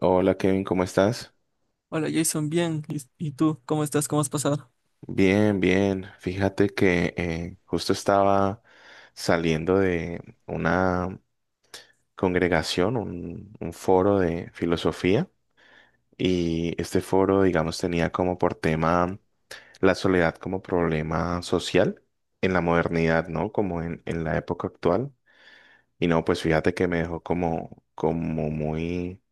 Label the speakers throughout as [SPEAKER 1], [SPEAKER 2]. [SPEAKER 1] Hola Kevin, ¿cómo estás?
[SPEAKER 2] Hola Jason, bien. ¿Y tú cómo estás? ¿Cómo has pasado?
[SPEAKER 1] Bien, bien. Fíjate que justo estaba saliendo de una congregación, un foro de filosofía y este foro, digamos, tenía como por tema la soledad como problema social en la modernidad, ¿no? Como en la época actual. Y no, pues fíjate que me dejó como, como muy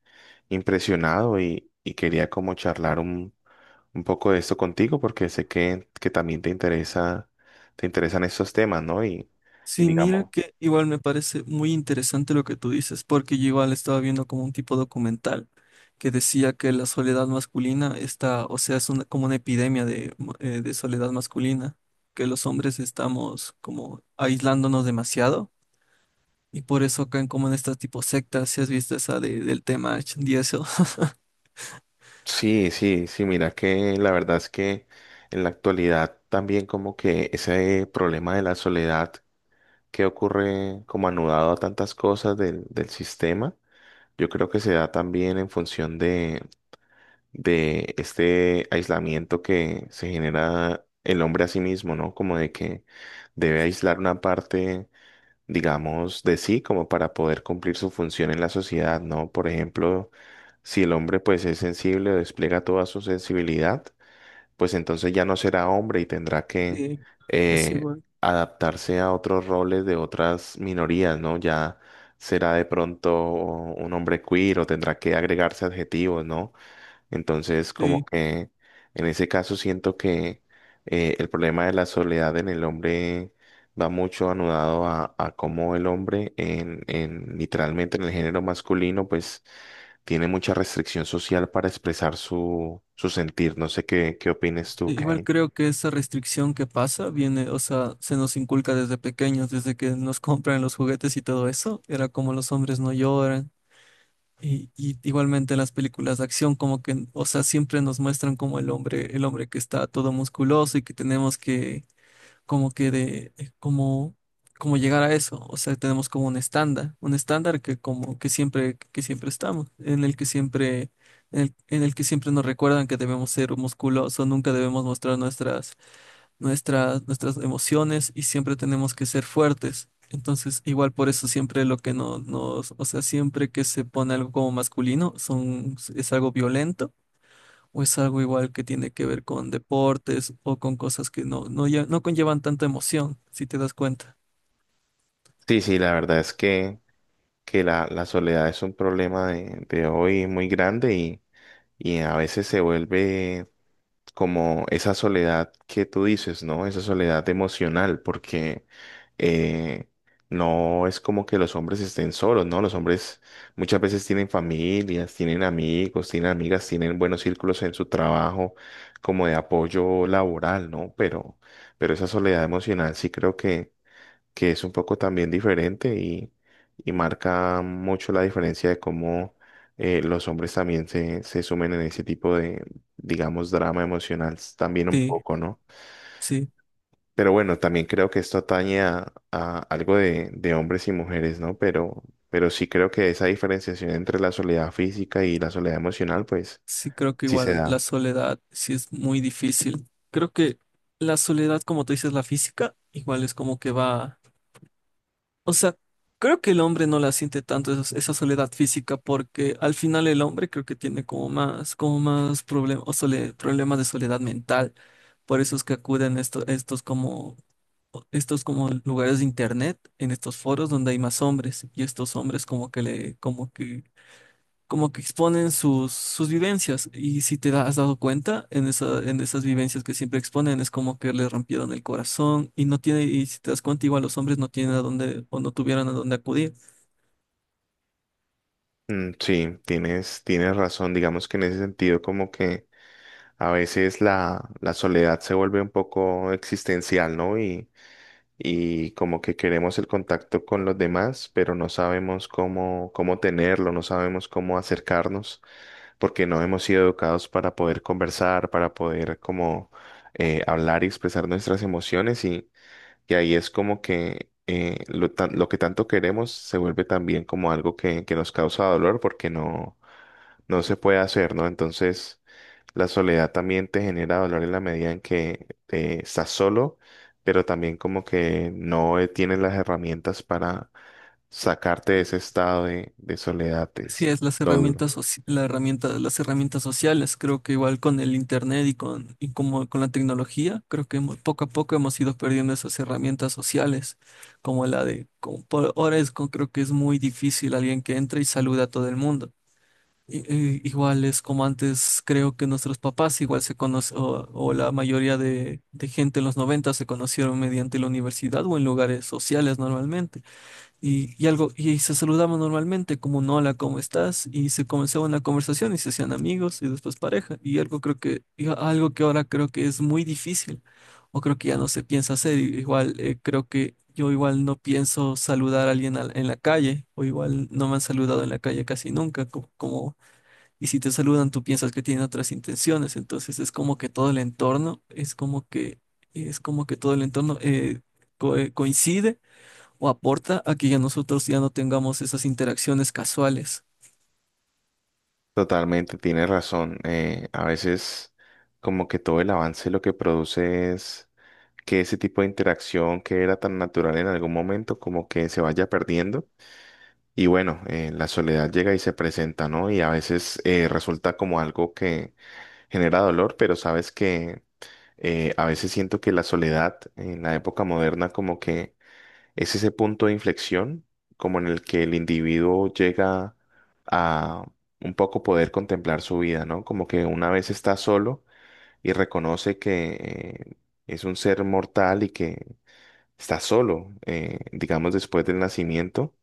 [SPEAKER 1] impresionado y quería como charlar un poco de esto contigo porque sé que también te interesa, te interesan estos temas, ¿no? Y
[SPEAKER 2] Sí, mira
[SPEAKER 1] digamos,
[SPEAKER 2] que igual me parece muy interesante lo que tú dices, porque yo igual estaba viendo como un tipo documental que decía que la soledad masculina está, o sea, es como una epidemia de soledad masculina, que los hombres estamos como aislándonos demasiado y por eso caen como en estas tipo sectas, si has visto esa del tema H y eso.
[SPEAKER 1] sí, sí, sí, mira que la verdad es que en la actualidad también como que ese problema de la soledad que ocurre como anudado a tantas cosas del, del sistema, yo creo que se da también en función de este aislamiento que se genera el hombre a sí mismo, ¿no? Como de que debe aislar una parte digamos, de sí, como para poder cumplir su función en la sociedad, ¿no? Por ejemplo, si el hombre pues es sensible o despliega toda su sensibilidad, pues entonces ya no será hombre y tendrá que
[SPEAKER 2] Sí, es
[SPEAKER 1] eh,
[SPEAKER 2] igual.
[SPEAKER 1] adaptarse a otros roles de otras minorías, ¿no? Ya será de pronto un hombre queer o tendrá que agregarse adjetivos, ¿no? Entonces, como
[SPEAKER 2] Sí.
[SPEAKER 1] que en ese caso siento que el problema de la soledad en el hombre va mucho anudado a cómo el hombre en literalmente en el género masculino, pues tiene mucha restricción social para expresar su, su sentir. No sé qué, qué opines tú,
[SPEAKER 2] Igual
[SPEAKER 1] Kay.
[SPEAKER 2] creo que esa restricción que pasa viene, o sea, se nos inculca desde pequeños, desde que nos compran los juguetes y todo eso, era como los hombres no lloran. Y igualmente en las películas de acción, como que, o sea, siempre nos muestran como el hombre, que está todo musculoso y que tenemos que como que de como llegar a eso, o sea, tenemos como un estándar que como que siempre estamos, en el que siempre en el que siempre nos recuerdan que debemos ser musculosos, nunca debemos mostrar nuestras emociones y siempre tenemos que ser fuertes. Entonces, igual por eso siempre lo que no nos, o sea, siempre que se pone algo como masculino son es algo violento o es algo igual que tiene que ver con deportes o con cosas que no, no, no conllevan tanta emoción, si te das cuenta.
[SPEAKER 1] Sí, sí, la verdad es que la soledad es un problema de hoy muy grande y a veces se vuelve como esa soledad que tú dices, ¿no? Esa soledad emocional, porque eh, no es como que los hombres estén solos, ¿no? Los hombres muchas veces tienen familias, tienen amigos, tienen amigas, tienen buenos círculos en su trabajo, como de apoyo laboral, ¿no? Pero esa soledad emocional sí creo que es un poco también diferente y marca mucho la diferencia de cómo los hombres también se sumen en ese tipo de, digamos, drama emocional también un
[SPEAKER 2] Sí,
[SPEAKER 1] poco, ¿no?
[SPEAKER 2] sí,
[SPEAKER 1] Pero bueno, también creo que esto atañe a algo de hombres y mujeres, ¿no? Pero sí creo que esa diferenciación entre la soledad física y la soledad emocional, pues
[SPEAKER 2] sí, creo que
[SPEAKER 1] sí se
[SPEAKER 2] igual la
[SPEAKER 1] da.
[SPEAKER 2] soledad sí es muy difícil. Creo que la soledad, como tú dices, la física, igual es como que va, o sea, creo que el hombre no la siente tanto esa, soledad física porque al final el hombre creo que tiene como más problemas o problemas de soledad mental. Por eso es que acuden estos como estos como lugares de internet, en estos foros donde hay más hombres y estos hombres como que le, como que exponen sus vivencias y si has dado cuenta en en esas vivencias que siempre exponen es como que le rompieron el corazón y no tiene, y si te das cuenta igual los hombres no tienen a dónde o no tuvieron a dónde acudir.
[SPEAKER 1] Mm, sí, tienes, tienes razón, digamos que en ese sentido como que a veces la, la soledad se vuelve un poco existencial, ¿no? Y como que queremos el contacto con los demás, pero no sabemos cómo, cómo tenerlo, no sabemos cómo acercarnos, porque no hemos sido educados para poder conversar, para poder como hablar y expresar nuestras emociones y ahí es como que lo, lo que tanto queremos se vuelve también como algo que nos causa dolor porque no, no se puede hacer, ¿no? Entonces... La soledad también te genera dolor en la medida en que estás solo, pero también como que no tienes las herramientas para sacarte de ese estado de soledad,
[SPEAKER 2] Sí,
[SPEAKER 1] es
[SPEAKER 2] es las
[SPEAKER 1] lo duro.
[SPEAKER 2] herramientas, las herramientas sociales. Creo que igual con el internet y como con la tecnología, creo que poco a poco hemos ido perdiendo esas herramientas sociales, como la de, como por ahora es, creo que es muy difícil alguien que entre y saluda a todo el mundo. Igual es como antes, creo que nuestros papás igual se conocen, o la mayoría de gente en los 90 se conocieron mediante la universidad o en lugares sociales normalmente. Y se saludaban normalmente como un hola, ¿cómo estás? Y se comenzaba una conversación y se hacían amigos y después pareja. Y algo creo que, algo que ahora creo que es muy difícil, o creo que ya no se piensa hacer. Igual creo que yo igual no pienso saludar a alguien en la calle, o igual no me han saludado en la calle casi nunca, como, y si te saludan, tú piensas que tienen otras intenciones. Entonces es como que todo el entorno, es como que todo el entorno coincide o aporta a que ya nosotros ya no tengamos esas interacciones casuales,
[SPEAKER 1] Totalmente, tienes razón. A veces como que todo el avance lo que produce es que ese tipo de interacción que era tan natural en algún momento como que se vaya perdiendo. Y bueno, la soledad llega y se presenta, ¿no? Y a veces resulta como algo que genera dolor, pero sabes que a veces siento que la soledad en la época moderna como que es ese punto de inflexión, como en el que el individuo llega a un poco poder contemplar su vida, ¿no? Como que una vez está solo y reconoce que es un ser mortal y que está solo, digamos, después del nacimiento,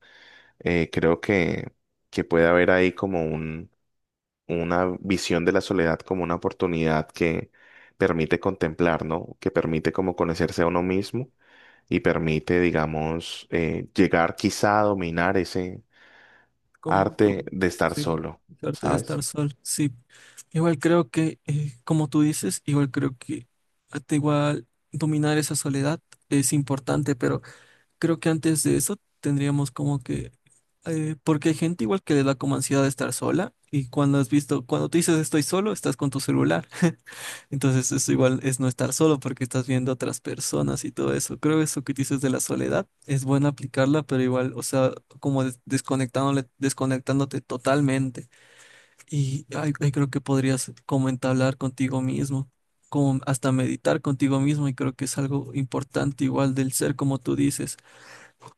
[SPEAKER 1] creo que puede haber ahí como una visión de la soledad como una oportunidad que permite contemplar, ¿no? Que permite como conocerse a uno mismo y permite, digamos, llegar quizá a dominar ese
[SPEAKER 2] como
[SPEAKER 1] arte
[SPEAKER 2] tú,
[SPEAKER 1] de estar
[SPEAKER 2] sí,
[SPEAKER 1] solo,
[SPEAKER 2] dejarte de
[SPEAKER 1] ¿sabes?
[SPEAKER 2] estar sí. Igual creo que, como tú dices, igual creo que hasta igual dominar esa soledad es importante, pero creo que antes de eso tendríamos como que, porque hay gente igual que le da como ansiedad de estar sola. Y cuando has visto, cuando tú dices estoy solo, estás con tu celular. Entonces, eso igual es no estar solo porque estás viendo a otras personas y todo eso. Creo eso que dices de la soledad es bueno aplicarla, pero igual, o sea, como desconectándote totalmente. Y ay ahí creo que podrías como entablar contigo mismo, como hasta meditar contigo mismo. Y creo que es algo importante igual del ser, como tú dices.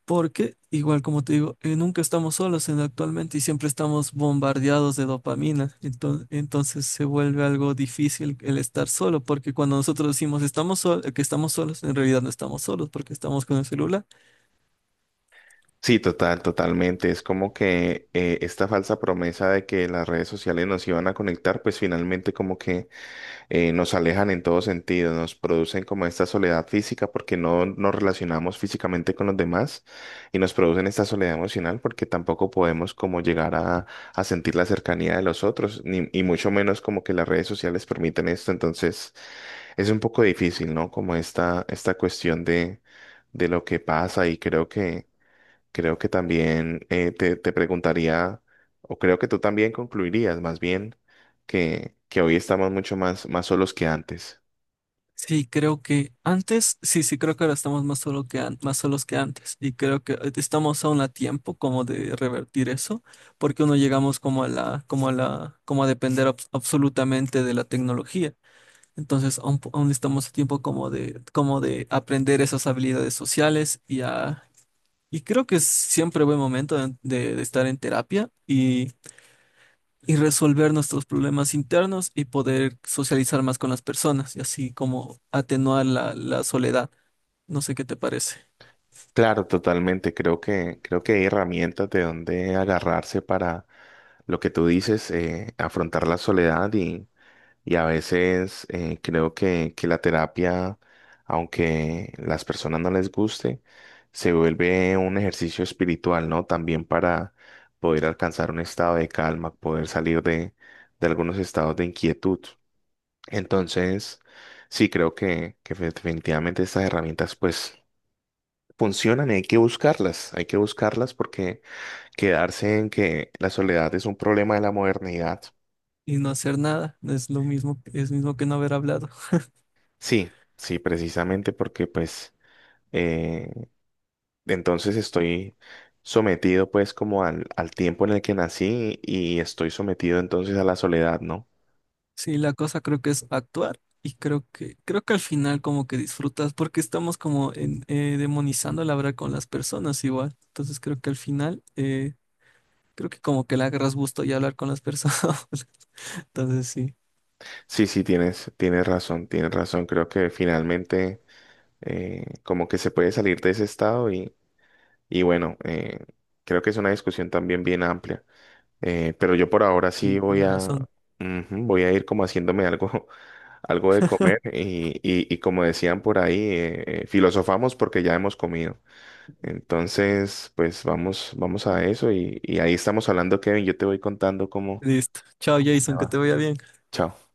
[SPEAKER 2] Porque, igual como te digo, nunca estamos solos en actualmente y siempre estamos bombardeados de dopamina. Entonces se vuelve algo difícil el estar solo, porque cuando nosotros decimos estamos que estamos solos, en realidad no estamos solos porque estamos con el celular.
[SPEAKER 1] Sí, total, totalmente. Es como que esta falsa promesa de que las redes sociales nos iban a conectar, pues finalmente como que nos alejan en todo sentido, nos producen como esta soledad física porque no nos relacionamos físicamente con los demás y nos producen esta soledad emocional porque tampoco podemos como llegar a sentir la cercanía de los otros, ni, y mucho menos como que las redes sociales permiten esto, entonces es un poco difícil, ¿no? Como esta cuestión de lo que pasa y creo que... Creo que también te, te preguntaría, o creo que tú también concluirías más bien que hoy estamos mucho más, más solos que antes.
[SPEAKER 2] Sí, creo que antes, sí, sí, creo que ahora estamos más solo que más solos que antes. Y creo que estamos aún a tiempo como de revertir eso, porque uno llegamos como a depender absolutamente de la tecnología. Entonces aún, aún estamos a tiempo como de aprender esas habilidades sociales y creo que es siempre buen momento de estar en terapia y resolver nuestros problemas internos y poder socializar más con las personas y así como atenuar la soledad. No sé qué te parece.
[SPEAKER 1] Claro, totalmente. Creo que hay herramientas de donde agarrarse para lo que tú dices, afrontar la soledad. Y a veces creo que la terapia, aunque las personas no les guste, se vuelve un ejercicio espiritual, ¿no? También para poder alcanzar un estado de calma, poder salir de algunos estados de inquietud. Entonces, sí, creo que definitivamente estas herramientas pues funcionan y hay que buscarlas porque quedarse en que la soledad es un problema de la modernidad.
[SPEAKER 2] Y no hacer nada no es lo mismo, es mismo que no haber hablado.
[SPEAKER 1] Sí, sí, precisamente porque pues... Eh, entonces estoy sometido pues como al, al tiempo en el que nací y estoy sometido entonces a la soledad, ¿no?
[SPEAKER 2] Sí, la cosa creo que es actuar y creo que al final como que disfrutas porque estamos como demonizando la hablar con las personas igual. Entonces creo que al final creo que como que le agarras gusto y hablar con las personas. Entonces sí,
[SPEAKER 1] Sí, sí, tienes, tienes razón, tienes razón. Creo que finalmente como que se puede salir de ese estado y bueno, creo que es una discusión también bien amplia. Pero yo por ahora sí
[SPEAKER 2] sí,
[SPEAKER 1] voy
[SPEAKER 2] tienes
[SPEAKER 1] a,
[SPEAKER 2] razón.
[SPEAKER 1] ujú, voy a ir como haciéndome algo, algo de comer y como decían por ahí, filosofamos porque ya hemos comido. Entonces, pues vamos, vamos a eso y ahí estamos hablando, Kevin. Yo te voy contando cómo,
[SPEAKER 2] Listo. Chao,
[SPEAKER 1] cómo me
[SPEAKER 2] Jason, que te
[SPEAKER 1] va.
[SPEAKER 2] vaya bien.
[SPEAKER 1] Chao.